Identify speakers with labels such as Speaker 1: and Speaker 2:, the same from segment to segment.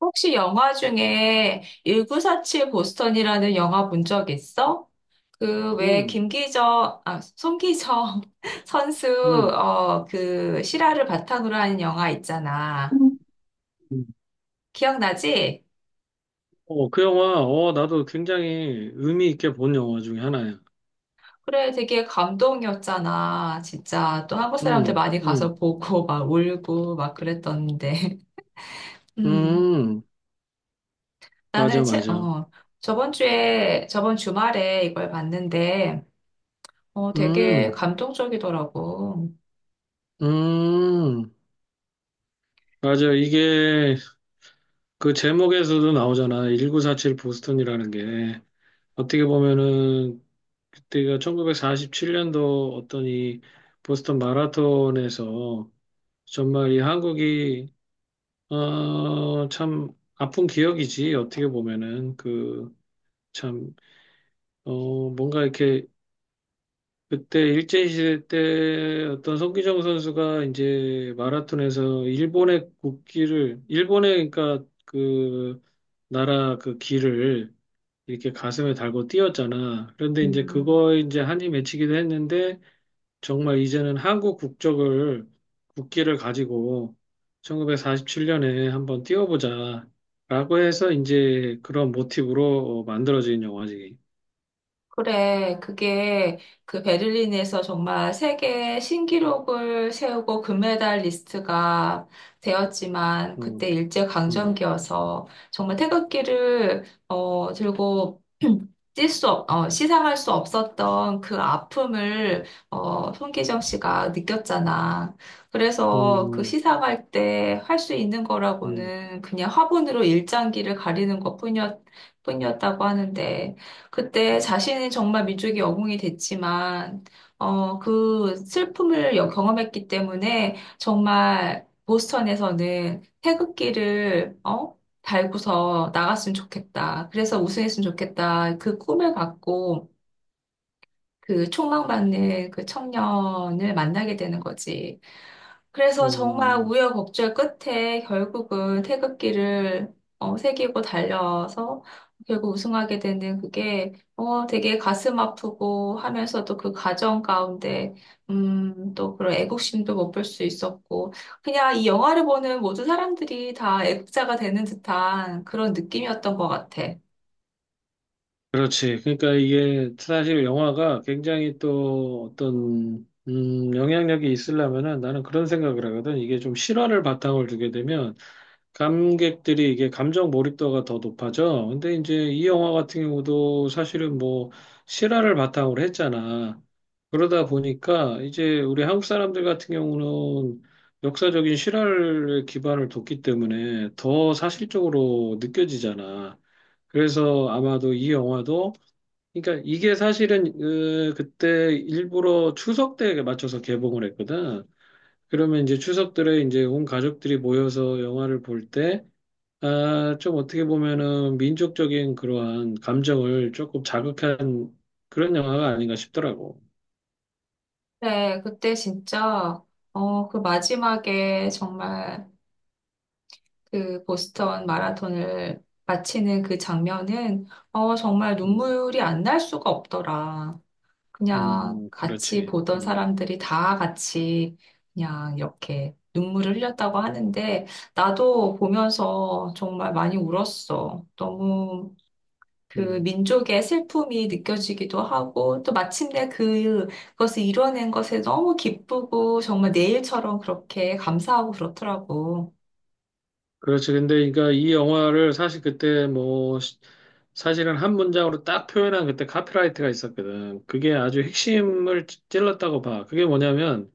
Speaker 1: 혹시 영화 중에 1947 보스턴이라는 영화 본 적 있어? 그 왜
Speaker 2: 음,
Speaker 1: 김기정, 아, 송기정 선수,
Speaker 2: 음.
Speaker 1: 그 실화를 바탕으로 하는 영화 있잖아.
Speaker 2: 음.
Speaker 1: 기억나지?
Speaker 2: 어, 그 영화, 어, 나도 굉장히 의미 있게 본 영화 중에 하나야.
Speaker 1: 그래, 되게 감동이었잖아. 진짜. 또 한국 사람들
Speaker 2: 음,
Speaker 1: 많이 가서
Speaker 2: 음,
Speaker 1: 보고 막 울고 막 그랬던데. 음,
Speaker 2: 음, 맞아,
Speaker 1: 나는 채,
Speaker 2: 맞아.
Speaker 1: 저번 주에, 저번 주말에 이걸 봤는데, 되게
Speaker 2: 음,
Speaker 1: 감동적이더라고.
Speaker 2: 음, 맞아. 이게 그 제목에서도 나오잖아. 1947 보스턴이라는 게. 어떻게 보면은 그때가 1947년도 어떤 이 보스턴 마라톤에서 정말 이 한국이, 어, 참 아픈 기억이지. 어떻게 보면은 그 참, 어, 뭔가 이렇게 그때 일제시대 때 어떤 손기정 선수가 이제 마라톤에서 일본의 국기를, 일본의 그러니까 그 나라 그 길을 이렇게 가슴에 달고 뛰었잖아. 그런데 이제
Speaker 1: 음.
Speaker 2: 그거 이제 한이 맺히기도 했는데 정말 이제는 한국 국적을 국기를 가지고 1947년에 한번 뛰어보자 라고 해서 이제 그런 모티브로 만들어진 영화지.
Speaker 1: 그래, 그게 그 베를린에서 정말 세계 신기록을 세우고 금메달 리스트가 되었지만
Speaker 2: 음,
Speaker 1: 그때
Speaker 2: 음.
Speaker 1: 일제강점기여서 정말 태극기를 들고 뛸 수, 없, 어, 시상할 수 없었던 그 아픔을 손기정 씨가 느꼈잖아. 그래서 그
Speaker 2: 음,
Speaker 1: 시상할 때 할 수 있는
Speaker 2: 음,
Speaker 1: 거라고는 그냥 화분으로 일장기를 가리는 뿐이었다고 하는데 그때 자신이 정말 민족의 영웅이 됐지만, 그 슬픔을 경험했기 때문에 정말 보스턴에서는 태극기를, 달고서 나갔으면 좋겠다. 그래서 우승했으면 좋겠다. 그 꿈을 갖고 그 촉망받는 그 청년을 만나게 되는 거지. 그래서 정말
Speaker 2: 음.
Speaker 1: 우여곡절 끝에 결국은 태극기를 새기고 달려서 결국 우승하게 되는 그게 되게 가슴 아프고 하면서도 그 과정 가운데 또 그런 애국심도 못 볼 수 있었고 그냥 이 영화를 보는 모든 사람들이 다 애국자가 되는 듯한 그런 느낌이었던 것 같아.
Speaker 2: 그렇지. 그러니까 이게 사실 영화가 굉장히 또 어떤 영향력이 있으려면은 나는 그런 생각을 하거든. 이게 좀 실화를 바탕을 두게 되면 감객들이 이게 감정 몰입도가 더 높아져. 근데 이제 이 영화 같은 경우도 사실은 뭐 실화를 바탕으로 했잖아. 그러다 보니까 이제 우리 한국 사람들 같은 경우는 역사적인 실화를 기반을 뒀기 때문에 더 사실적으로 느껴지잖아. 그래서 아마도 이 영화도 그러니까 이게 사실은 그때 일부러 추석 때에 맞춰서 개봉을 했거든. 그러면 이제 추석 들에 이제 온 가족들이 모여서 영화를 볼때 아, 좀 어떻게 보면은 민족적인 그러한 감정을 조금 자극한 그런 영화가 아닌가 싶더라고.
Speaker 1: 네, 그때 진짜 그 마지막에 정말 그 보스턴 마라톤을 마치는 그 장면은 정말
Speaker 2: 음,
Speaker 1: 눈물이 안 날 수가 없더라. 그냥 같이
Speaker 2: 그렇지.
Speaker 1: 보던 사람들이 다 같이 그냥 이렇게 눈물을 흘렸다고 하는데 나도 보면서 정말 많이 울었어. 너무 그
Speaker 2: 음,
Speaker 1: 민족의 슬픔이 느껴지기도 하고 또 마침내 그것을 이뤄낸 것에 너무 기쁘고 정말 내 일처럼 그렇게 감사하고 그렇더라고.
Speaker 2: 그렇지. 근데 그러니까 이 영화를 사실 그때 뭐 사실은 한 문장으로 딱 표현한 그때 카피라이트가 있었거든. 그게 아주 핵심을 찔렀다고 봐. 그게 뭐냐면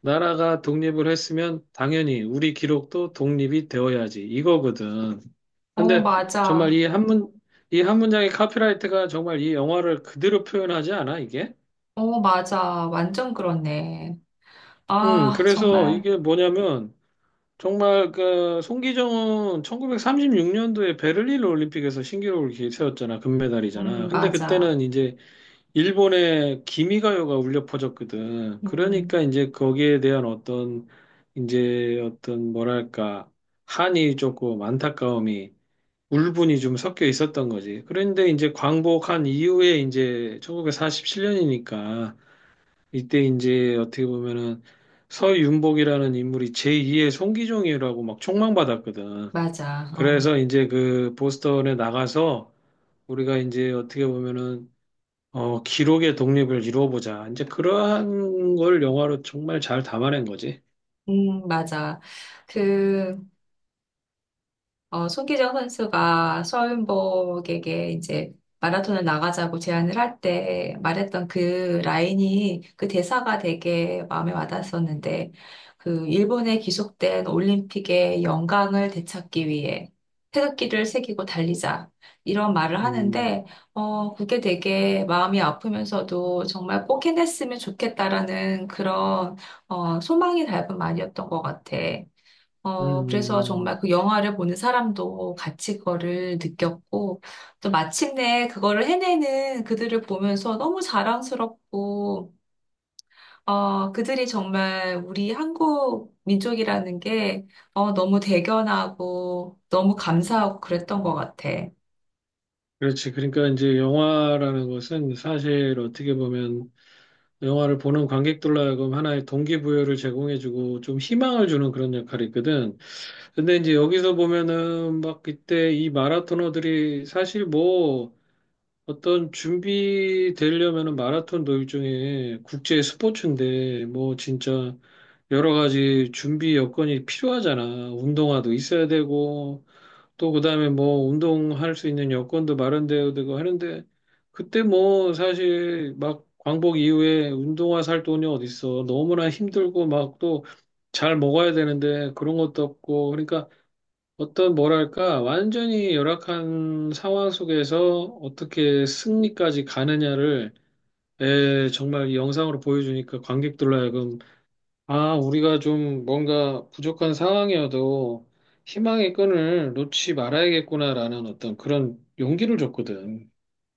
Speaker 2: 나라가 독립을 했으면 당연히 우리 기록도 독립이 되어야지 이거거든.
Speaker 1: 어,
Speaker 2: 근데 정말
Speaker 1: 맞아.
Speaker 2: 이 한 문장의 카피라이트가 정말 이 영화를 그대로 표현하지 않아, 이게?
Speaker 1: 어, 맞아. 완전 그렇네. 아,
Speaker 2: 그래서
Speaker 1: 정말.
Speaker 2: 이게 뭐냐면 정말 그 송기정은 1936년도에 베를린 올림픽에서 신기록을 세웠잖아. 금메달이잖아. 근데
Speaker 1: 맞아.
Speaker 2: 그때는 이제 일본의 기미가요가 울려 퍼졌거든. 그러니까
Speaker 1: 음,
Speaker 2: 이제 거기에 대한 어떤 이제 어떤 뭐랄까 한이 조금 안타까움이 울분이 좀 섞여 있었던 거지. 그런데 이제 광복한 이후에 이제 1947년이니까 이때 이제 어떻게 보면은 서윤복이라는 인물이 제2의 송기종이라고 막 총망받았거든.
Speaker 1: 맞아. 어,
Speaker 2: 그래서 이제 그 보스턴에 나가서 우리가 이제 어떻게 보면은 어, 기록의 독립을 이루어보자. 이제 그러한 걸 영화로 정말 잘 담아낸 거지.
Speaker 1: 맞아. 그, 어, 손기정 선수가 서윤복에게 이제 마라톤을 나가자고 제안을 할 때 말했던 그 라인이 그 대사가 되게 마음에 와닿았었는데 그 일본에 기속된 올림픽의 영광을 되찾기 위해 태극기를 새기고 달리자 이런 말을
Speaker 2: 음,
Speaker 1: 하는데 어 그게 되게 마음이 아프면서도 정말 꼭 해냈으면 좋겠다라는 그런 어 소망이 닮은 말이었던 것 같아. 어, 그래서
Speaker 2: 음,
Speaker 1: 정말 그 영화를 보는 사람도 같이 그거를 느꼈고, 또 마침내 그거를 해내는 그들을 보면서 너무 자랑스럽고, 어, 그들이 정말 우리 한국 민족이라는 게, 어, 너무 대견하고, 너무 감사하고 그랬던 것 같아.
Speaker 2: 그렇지. 그러니까 이제 영화라는 것은 사실 어떻게 보면 영화를 보는 관객들로 하여금 하나의 동기부여를 제공해주고 좀 희망을 주는 그런 역할이 있거든. 근데 이제 여기서 보면은 막 그때 이 마라토너들이 사실 뭐 어떤 준비되려면은 마라톤도 일종의 국제 스포츠인데 뭐 진짜 여러 가지 준비 여건이 필요하잖아. 운동화도 있어야 되고 또 그다음에 뭐 운동할 수 있는 여건도 마련되어고 하는데 그때 뭐 사실 막 광복 이후에 운동화 살 돈이 어딨어. 너무나 힘들고 막 또 잘 먹어야 되는데 그런 것도 없고 그러니까 어떤 뭐랄까 완전히 열악한 상황 속에서 어떻게 승리까지 가느냐를 에, 정말 이 영상으로 보여주니까 관객들로 하여금 아, 우리가 좀 뭔가 부족한 상황이어도 희망의 끈을 놓지 말아야겠구나라는 어떤 그런 용기를 줬거든.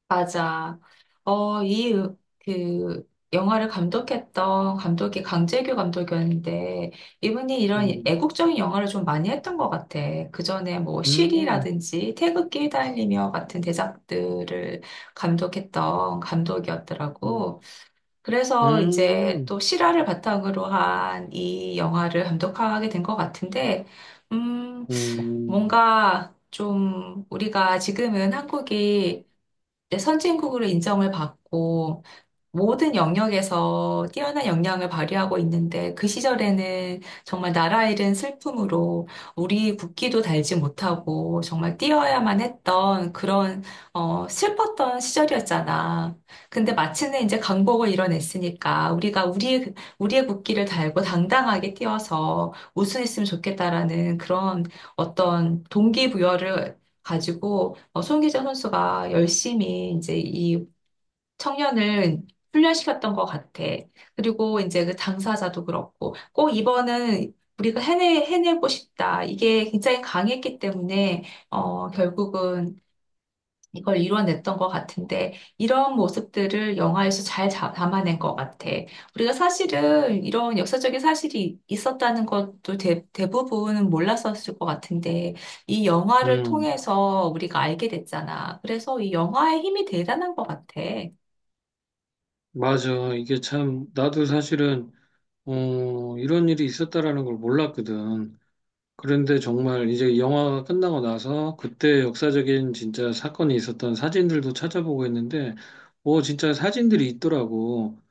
Speaker 1: 맞아. 어, 이, 그, 영화를 감독했던 감독이 강재규 감독이었는데, 이분이 이런
Speaker 2: 음,
Speaker 1: 애국적인 영화를 좀 많이 했던 것 같아. 그 전에 뭐,
Speaker 2: 음,
Speaker 1: 쉬리라든지, 태극기 휘날리며 같은 대작들을 감독했던
Speaker 2: 음,
Speaker 1: 감독이었더라고. 그래서 이제
Speaker 2: 음,
Speaker 1: 또 실화를 바탕으로 한 이 영화를 감독하게 된 것 같은데, 음,
Speaker 2: 음,
Speaker 1: 뭔가 좀 우리가 지금은 한국이 이제 선진국으로 인정을 받고, 모든 영역에서 뛰어난 역량을 발휘하고 있는데 그 시절에는 정말 나라 잃은 슬픔으로 우리 국기도 달지 못하고 정말 뛰어야만 했던 그런 슬펐던 시절이었잖아. 근데 마침내 이제 강복을 이뤄냈으니까 우리가 우리의 국기를 달고 당당하게 뛰어서 우승했으면 좋겠다라는 그런 어떤 동기부여를 가지고 어, 손기정 선수가 열심히 이제 이 청년을 훈련시켰던 것 같아. 그리고 이제 그 당사자도 그렇고, 꼭 이번은 우리가 해내고 싶다. 이게 굉장히 강했기 때문에, 결국은 이걸 이뤄냈던 것 같은데, 이런 모습들을 영화에서 잘 담아낸 것 같아. 우리가 사실은 이런 역사적인 사실이 있었다는 것도 대부분 몰랐었을 것 같은데, 이 영화를
Speaker 2: 음.
Speaker 1: 통해서 우리가 알게 됐잖아. 그래서 이 영화의 힘이 대단한 것 같아.
Speaker 2: 맞아. 이게 참, 나도 사실은, 어, 이런 일이 있었다라는 걸 몰랐거든. 그런데 정말 이제 영화가 끝나고 나서 그때 역사적인 진짜 사건이 있었던 사진들도 찾아보고 했는데, 뭐 진짜 사진들이 있더라고.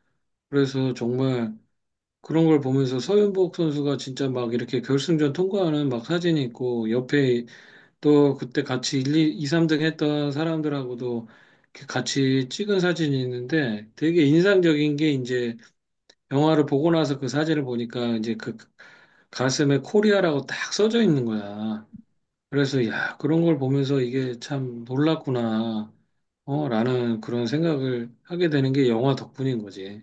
Speaker 2: 그래서 정말 그런 걸 보면서 서윤복 선수가 진짜 막 이렇게 결승전 통과하는 막 사진이 있고 옆에 또 그때 같이 1, 2, 3등 했던 사람들하고도 이렇게 같이 찍은 사진이 있는데 되게 인상적인 게 이제 영화를 보고 나서 그 사진을 보니까 이제 그 가슴에 코리아라고 딱 써져 있는 거야. 그래서 야, 그런 걸 보면서 이게 참 놀랐구나, 어, 라는 그런 생각을 하게 되는 게 영화 덕분인 거지.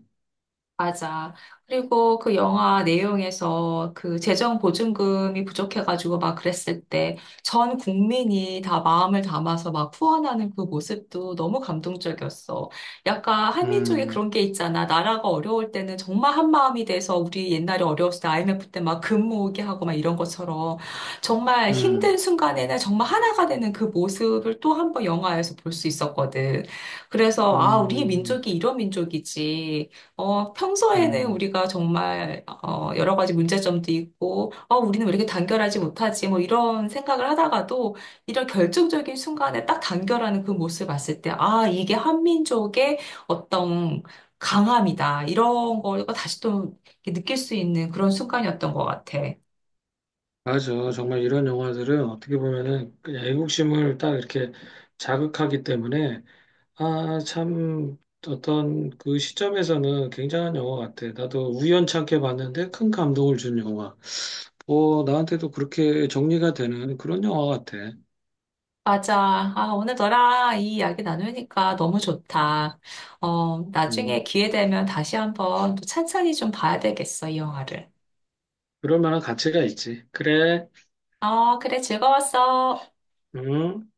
Speaker 1: 맞아. 그리고 그 영화 내용에서 그 재정 보증금이 부족해가지고 막 그랬을 때 전 국민이 다 마음을 담아서 막 후원하는 그 모습도 너무 감동적이었어. 약간 한민족에
Speaker 2: 음,
Speaker 1: 그런 게 있잖아. 나라가 어려울 때는 정말 한 마음이 돼서 우리 옛날에 어려웠을 때 IMF 때 막 금 모으기 하고 막 이런 것처럼 정말 힘든
Speaker 2: 음,
Speaker 1: 순간에는 정말 하나가 되는 그 모습을 또 한 번 영화에서 볼 수 있었거든. 그래서 아, 우리
Speaker 2: 음,
Speaker 1: 민족이 이런 민족이지. 평소에는
Speaker 2: 음.
Speaker 1: 우리가 정말, 여러 가지 문제점도 있고, 우리는 왜 이렇게 단결하지 못하지? 뭐 이런 생각을 하다가도 이런 결정적인 순간에 딱 단결하는 그 모습을 봤을 때, 아, 이게 한민족의 어떤 강함이다. 이런 걸 다시 또 이렇게 느낄 수 있는 그런 순간이었던 것 같아.
Speaker 2: 맞아. 정말 이런 영화들은 어떻게 보면은 그냥 애국심을 딱 이렇게 자극하기 때문에 아, 참 어떤 그 시점에서는 굉장한 영화 같아. 나도 우연찮게 봤는데 큰 감동을 준 영화. 어, 나한테도 그렇게 정리가 되는 그런 영화 같아.
Speaker 1: 맞아. 아, 오늘 너랑 이 이야기 나누니까 너무 좋다. 어, 나중에
Speaker 2: 음,
Speaker 1: 기회 되면 다시 한번 또 찬찬히 좀 봐야 되겠어, 이 영화를.
Speaker 2: 그럴 만한 가치가 있지. 그래.
Speaker 1: 어, 그래, 즐거웠어.
Speaker 2: 음.